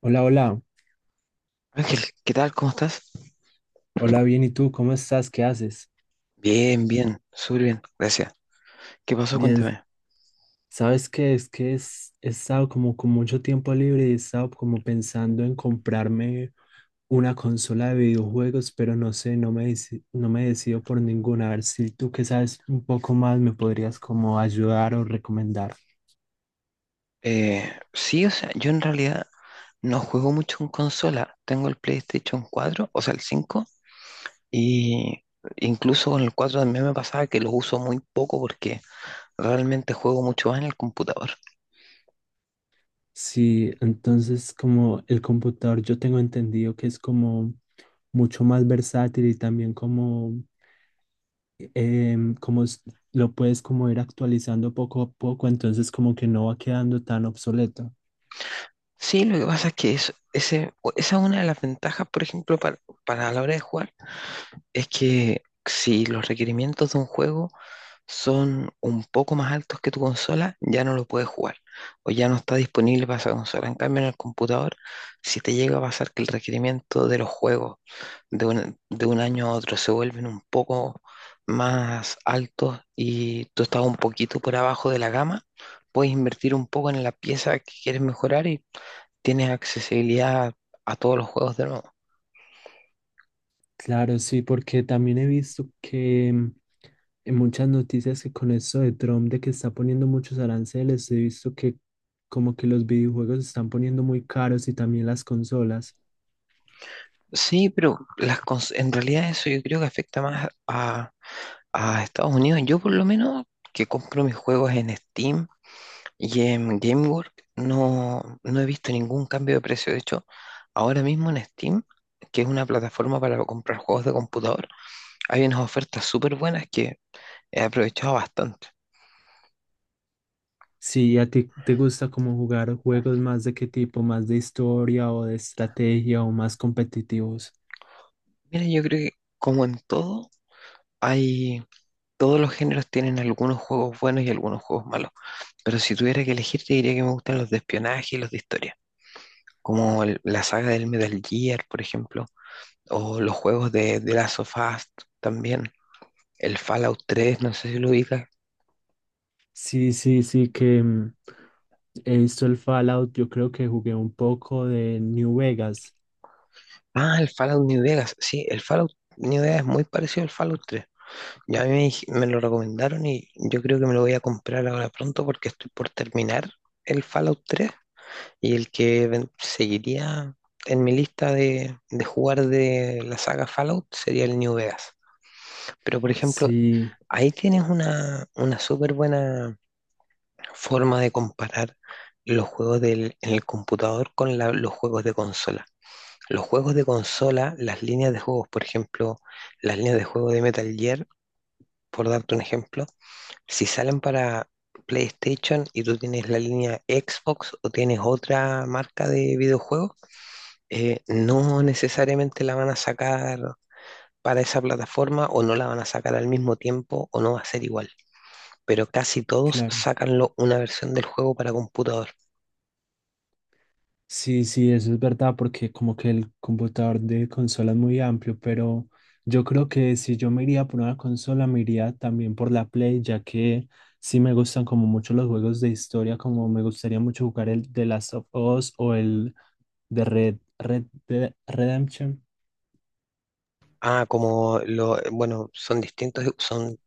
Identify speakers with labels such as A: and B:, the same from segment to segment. A: Hola, hola,
B: Ángel, ¿qué tal? ¿Cómo estás?
A: hola, bien, ¿y tú cómo estás? ¿Qué haces?
B: Bien, bien, súper bien, gracias. ¿Qué pasó?
A: Bien,
B: Cuéntame.
A: ¿sabes qué? Es que he estado como con mucho tiempo libre y he estado como pensando en comprarme una consola de videojuegos, pero no sé, no me decido por ninguna. A ver si tú que sabes un poco más me podrías como ayudar o recomendar.
B: Sí, o sea, yo en realidad no juego mucho en consola. Tengo el PlayStation 4, o sea, el 5, y incluso con el 4 también me pasaba que lo uso muy poco porque realmente juego mucho más en el computador.
A: Sí, entonces como el computador yo tengo entendido que es como mucho más versátil y también como em, como s- lo puedes como ir actualizando poco a poco, entonces como que no va quedando tan obsoleto.
B: Sí, lo que pasa es que esa es una de las ventajas, por ejemplo, para la hora de jugar, es que si los requerimientos de un juego son un poco más altos que tu consola, ya no lo puedes jugar o ya no está disponible para esa consola. En cambio, en el computador, si te llega a pasar que el requerimiento de los juegos de un año a otro se vuelven un poco más altos y tú estás un poquito por abajo de la gama, puedes invertir un poco en la pieza que quieres mejorar y tienes accesibilidad a todos los juegos de nuevo.
A: Claro, sí, porque también he visto que en muchas noticias que con eso de Trump, de que está poniendo muchos aranceles, he visto que como que los videojuegos se están poniendo muy caros y también las consolas.
B: Sí, pero en realidad eso yo creo que afecta más a Estados Unidos, yo por lo menos que compro mis juegos en Steam y en GameWorks, no he visto ningún cambio de precio. De hecho, ahora mismo en Steam, que es una plataforma para comprar juegos de computador, hay unas ofertas súper buenas que he aprovechado bastante.
A: Sí, ¿a ti te gusta como jugar juegos más de qué tipo? ¿Más de historia o de estrategia o más competitivos?
B: Mira, yo creo que como en todo, hay, todos los géneros tienen algunos juegos buenos y algunos juegos malos. Pero si tuviera que elegir, te diría que me gustan los de espionaje y los de historia. Como la saga del Metal Gear, por ejemplo. O los juegos de Last of Us también. El Fallout 3, no sé si lo ubicas.
A: Sí, sí, sí, he visto el Fallout, yo creo que jugué un poco de New Vegas.
B: Ah, el Fallout New Vegas. Sí, el Fallout New Vegas es muy parecido al Fallout 3. Ya a mí me, dij- me lo recomendaron y yo creo que me lo voy a comprar ahora pronto porque estoy por terminar el Fallout 3, y el que seguiría en mi lista de, jugar de la saga Fallout sería el New Vegas. Pero por ejemplo,
A: Sí,
B: ahí tienes una súper buena forma de comparar los juegos en el computador con los juegos de consola. Los juegos de consola, las líneas de juegos, por ejemplo, las líneas de juego de Metal Gear, por darte un ejemplo, si salen para PlayStation y tú tienes la línea Xbox o tienes otra marca de videojuegos, no necesariamente la van a sacar para esa plataforma o no la van a sacar al mismo tiempo o no va a ser igual, pero casi todos
A: claro.
B: sacan una versión del juego para computador.
A: Sí, sí, eso es verdad, porque como que el computador de consola es muy amplio, pero yo creo que si yo me iría por una consola, me iría también por la Play, ya que sí me gustan como mucho los juegos de historia, como me gustaría mucho jugar el The Last of Us o el de Red, Red Dead Redemption.
B: Bueno, son distintos, son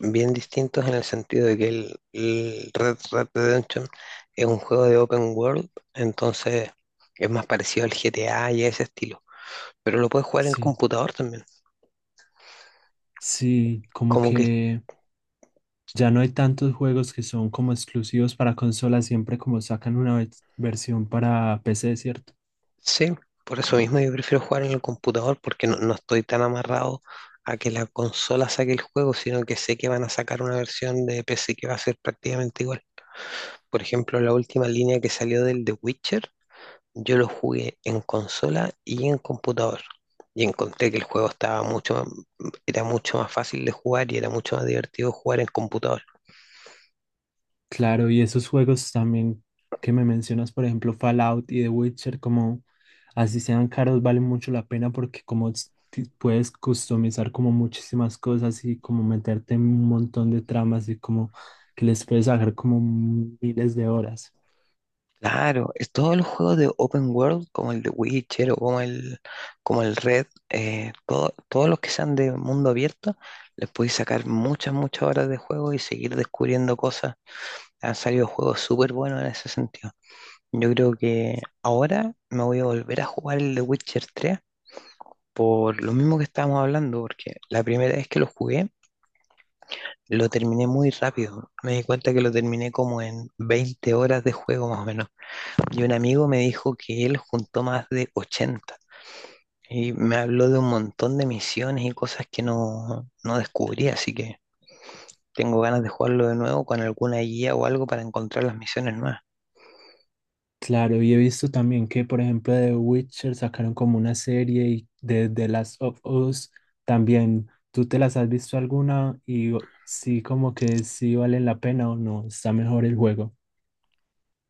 B: bien distintos en el sentido de que el Red Red Redemption es un juego de open world, entonces es más parecido al GTA y a ese estilo. Pero lo puedes jugar en el
A: Sí,
B: computador también.
A: sí, como
B: Como que
A: que ya no hay tantos juegos que son como exclusivos para consolas, siempre como sacan una versión para PC, ¿cierto?
B: sí, por eso mismo yo prefiero jugar en el computador porque no estoy tan amarrado a que la consola saque el juego, sino que sé que van a sacar una versión de PC que va a ser prácticamente igual. Por ejemplo, la última línea que salió del The Witcher, yo lo jugué en consola y en computador. Y encontré que el juego era mucho más fácil de jugar y era mucho más divertido jugar en computador.
A: Claro, y esos juegos también que me mencionas, por ejemplo, Fallout y The Witcher, como así sean caros, valen mucho la pena porque como puedes customizar como muchísimas cosas y como meterte en un montón de tramas y como que les puedes sacar como miles de horas.
B: Claro, es todos los juegos de Open World, como el de Witcher o como como el Red, todos los que sean de mundo abierto, les podéis sacar muchas, muchas horas de juego y seguir descubriendo cosas. Han salido juegos súper buenos en ese sentido. Yo creo que ahora me voy a volver a jugar el de Witcher 3 por lo mismo que estábamos hablando, porque la primera vez que lo jugué, lo terminé muy rápido. Me di cuenta que lo terminé como en 20 horas de juego más o menos. Y un amigo me dijo que él juntó más de 80 y me habló de un montón de misiones y cosas que no descubrí, así que tengo ganas de jugarlo de nuevo con alguna guía o algo para encontrar las misiones nuevas.
A: Claro, y he visto también que, por ejemplo, de Witcher sacaron como una serie y de The Last of Us también. ¿Tú te las has visto alguna? Sí, como que sí valen la pena o no, está mejor el juego.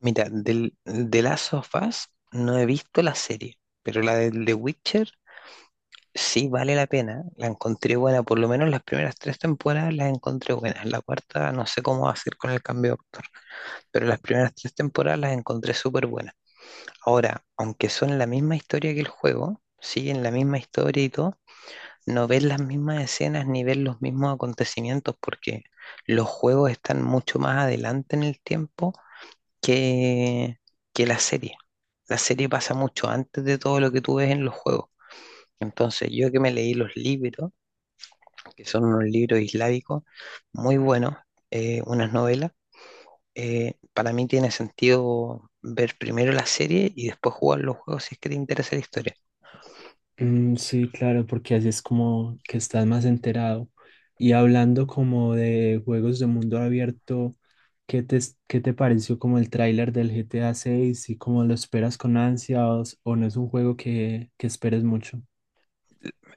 B: Mira, de Last of Us no he visto la serie, pero la de The Witcher sí vale la pena, la encontré buena, por lo menos las primeras tres temporadas las encontré buenas, la cuarta no sé cómo va a ser con el cambio de actor, pero las primeras tres temporadas las encontré súper buenas. Ahora, aunque son la misma historia que el juego, siguen la misma historia y todo, no ves las mismas escenas ni ves los mismos acontecimientos porque los juegos están mucho más adelante en el tiempo que, que la serie. La serie pasa mucho antes de todo lo que tú ves en los juegos. Entonces, yo que me leí los libros, que son unos libros islámicos muy buenos, unas novelas. Para mí tiene sentido ver primero la serie y después jugar los juegos si es que te interesa la historia.
A: Mm, sí, claro, porque así es como que estás más enterado. Y hablando como de juegos de mundo abierto, ¿qué te, ¿qué te pareció como el tráiler del GTA 6 y cómo lo esperas con ansias o no es un juego que esperes mucho?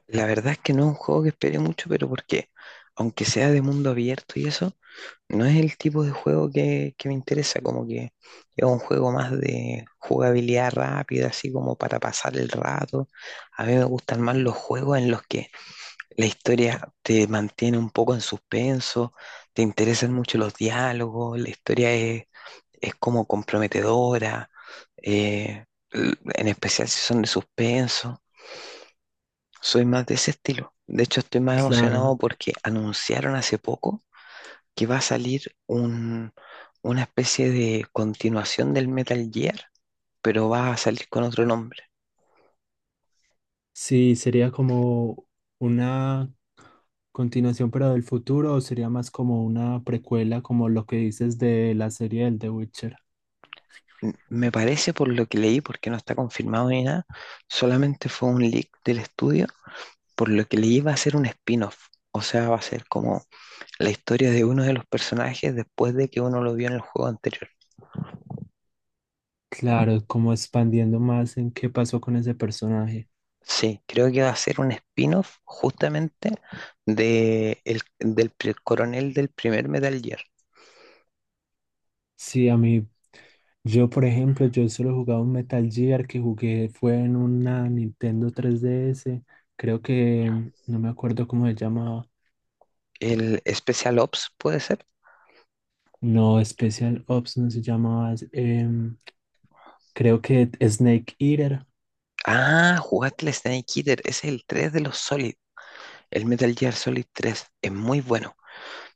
B: La verdad es que no es un juego que espere mucho, pero porque aunque sea de mundo abierto y eso, no es el tipo de juego que me interesa, como que es un juego más de jugabilidad rápida, así como para pasar el rato. A mí me gustan más los juegos en los que la historia te mantiene un poco en suspenso, te interesan mucho los diálogos, es como comprometedora, eh, en especial si son de suspenso. Soy más de ese estilo. De hecho, estoy más emocionado
A: Claro.
B: porque anunciaron hace poco que va a salir una especie de continuación del Metal Gear, pero va a salir con otro nombre.
A: Sí, sería como una continuación, pero del futuro, o sería más como una precuela, como lo que dices de la serie del The Witcher.
B: Me parece por lo que leí, porque no está confirmado ni nada, solamente fue un leak del estudio por lo que le iba a hacer un spin-off. O sea, va a ser como la historia de uno de los personajes después de que uno lo vio en el juego anterior.
A: Claro, como expandiendo más en qué pasó con ese personaje.
B: Sí, creo que va a ser un spin-off justamente de coronel del primer Metal Gear.
A: Sí, a mí, yo por ejemplo, yo solo jugaba un Metal Gear que jugué fue en una Nintendo 3DS, creo que no me acuerdo cómo se llamaba.
B: El Special Ops puede ser.
A: No, Special Ops no se llamaba, es, creo que Snake Eater.
B: Ah, jugaste el Snake Eater. Ese es el 3 de los Solid. El Metal Gear Solid tres es muy bueno,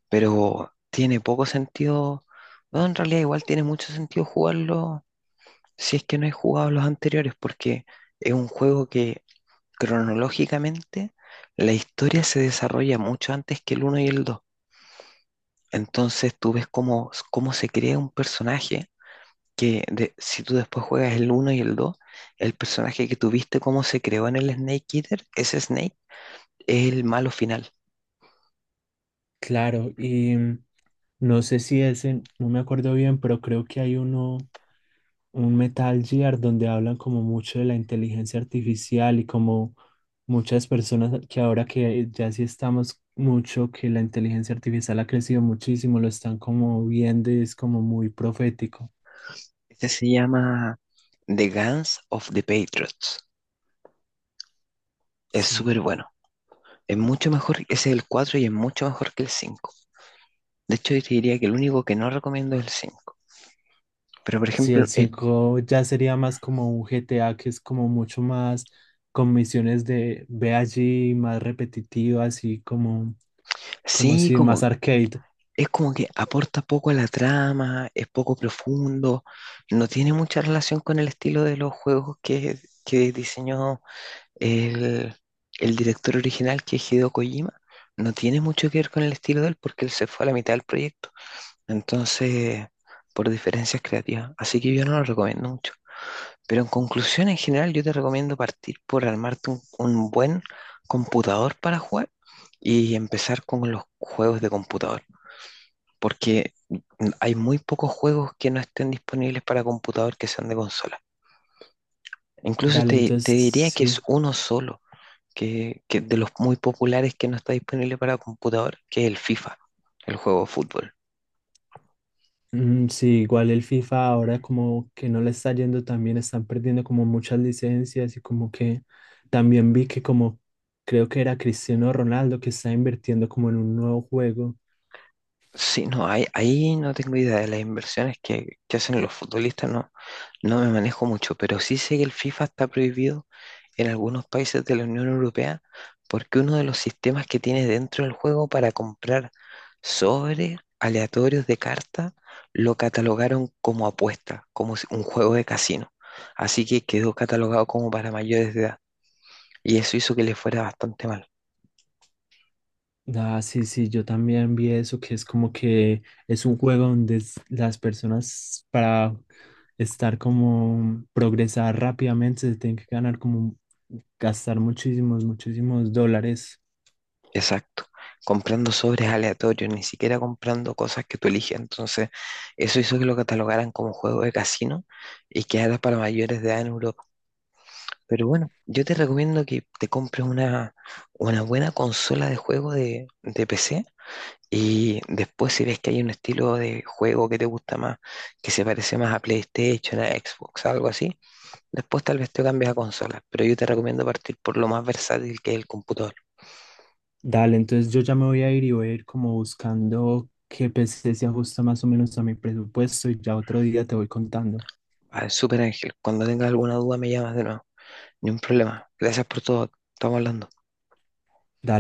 B: pero tiene poco sentido. No, en realidad igual tiene mucho sentido jugarlo si es que no he jugado los anteriores, porque es un juego que cronológicamente la historia se desarrolla mucho antes que el uno y el 2. Entonces tú ves cómo, cómo se crea un personaje que si tú después juegas el uno y el 2, el personaje que tuviste, cómo se creó en el Snake Eater, ese Snake es el malo final.
A: Claro, y no sé si ese, no me acuerdo bien, pero creo que hay uno, un Metal Gear donde hablan como mucho de la inteligencia artificial y como muchas personas que ahora que ya sí estamos mucho, que la inteligencia artificial ha crecido muchísimo, lo están como viendo y es como muy profético.
B: Este se llama The Guns of the Patriots. Es
A: Sí.
B: súper bueno. Es mucho mejor, ese es el 4 y es mucho mejor que el 5. De hecho, yo te diría que el único que no recomiendo es el cinco. Pero, por
A: Sí,
B: ejemplo,
A: el 5 ya sería más como un GTA que es como mucho más con misiones de ve allí, más repetitivo, así como, como
B: sí,
A: si más
B: como,
A: arcade.
B: es como que aporta poco a la trama, es poco profundo, no tiene mucha relación con el estilo de los juegos que diseñó el, el director original, que es Hideo Kojima. No tiene mucho que ver con el estilo de él porque él se fue a la mitad del proyecto. Entonces, por diferencias creativas. Así que yo no lo recomiendo mucho. Pero en conclusión, en general, yo te recomiendo partir por armarte un buen computador para jugar y empezar con los juegos de computador, porque hay muy pocos juegos que no estén disponibles para computador que sean de consola. Incluso
A: Dale,
B: te
A: entonces
B: diría que es
A: sí.
B: uno solo, que de los muy populares que no está disponible para computador, que es el FIFA, el juego de fútbol.
A: Mm, sí, igual el FIFA ahora como que no le está yendo tan bien, están perdiendo como muchas licencias y como que también vi que como creo que era Cristiano Ronaldo que está invirtiendo como en un nuevo juego.
B: Ahí no tengo idea de las inversiones que hacen los futbolistas, no, no me manejo mucho, pero sí sé que el FIFA está prohibido en algunos países de la Unión Europea porque uno de los sistemas que tiene dentro del juego para comprar sobres aleatorios de carta lo catalogaron como apuesta, como si- un juego de casino. Así que quedó catalogado como para mayores de edad. Y eso hizo que le fuera bastante mal.
A: Ah, sí, sí, yo también vi eso, que es como que es un juego donde las personas para estar como progresar rápidamente se tienen que ganar como gastar muchísimos, muchísimos dólares.
B: Exacto. Comprando sobres aleatorios, ni siquiera comprando cosas que tú eliges. Entonces, eso hizo que lo catalogaran como juego de casino y que era para mayores de edad en Europa. Pero bueno, yo te recomiendo que te compres una buena consola de juego de PC, y después si ves que hay un estilo de juego que te gusta más, que se parece más a PlayStation, a Xbox, algo así, después tal vez te cambies a consola. Pero yo te recomiendo partir por lo más versátil que es el computador.
A: Dale, entonces yo ya me voy a ir y voy a ir como buscando qué PC se ajusta más o menos a mi presupuesto y ya otro día te voy contando.
B: Vale, súper Ángel. Cuando tengas alguna duda me llamas de nuevo. Ni un problema. Gracias por todo. Estamos hablando.
A: Dale.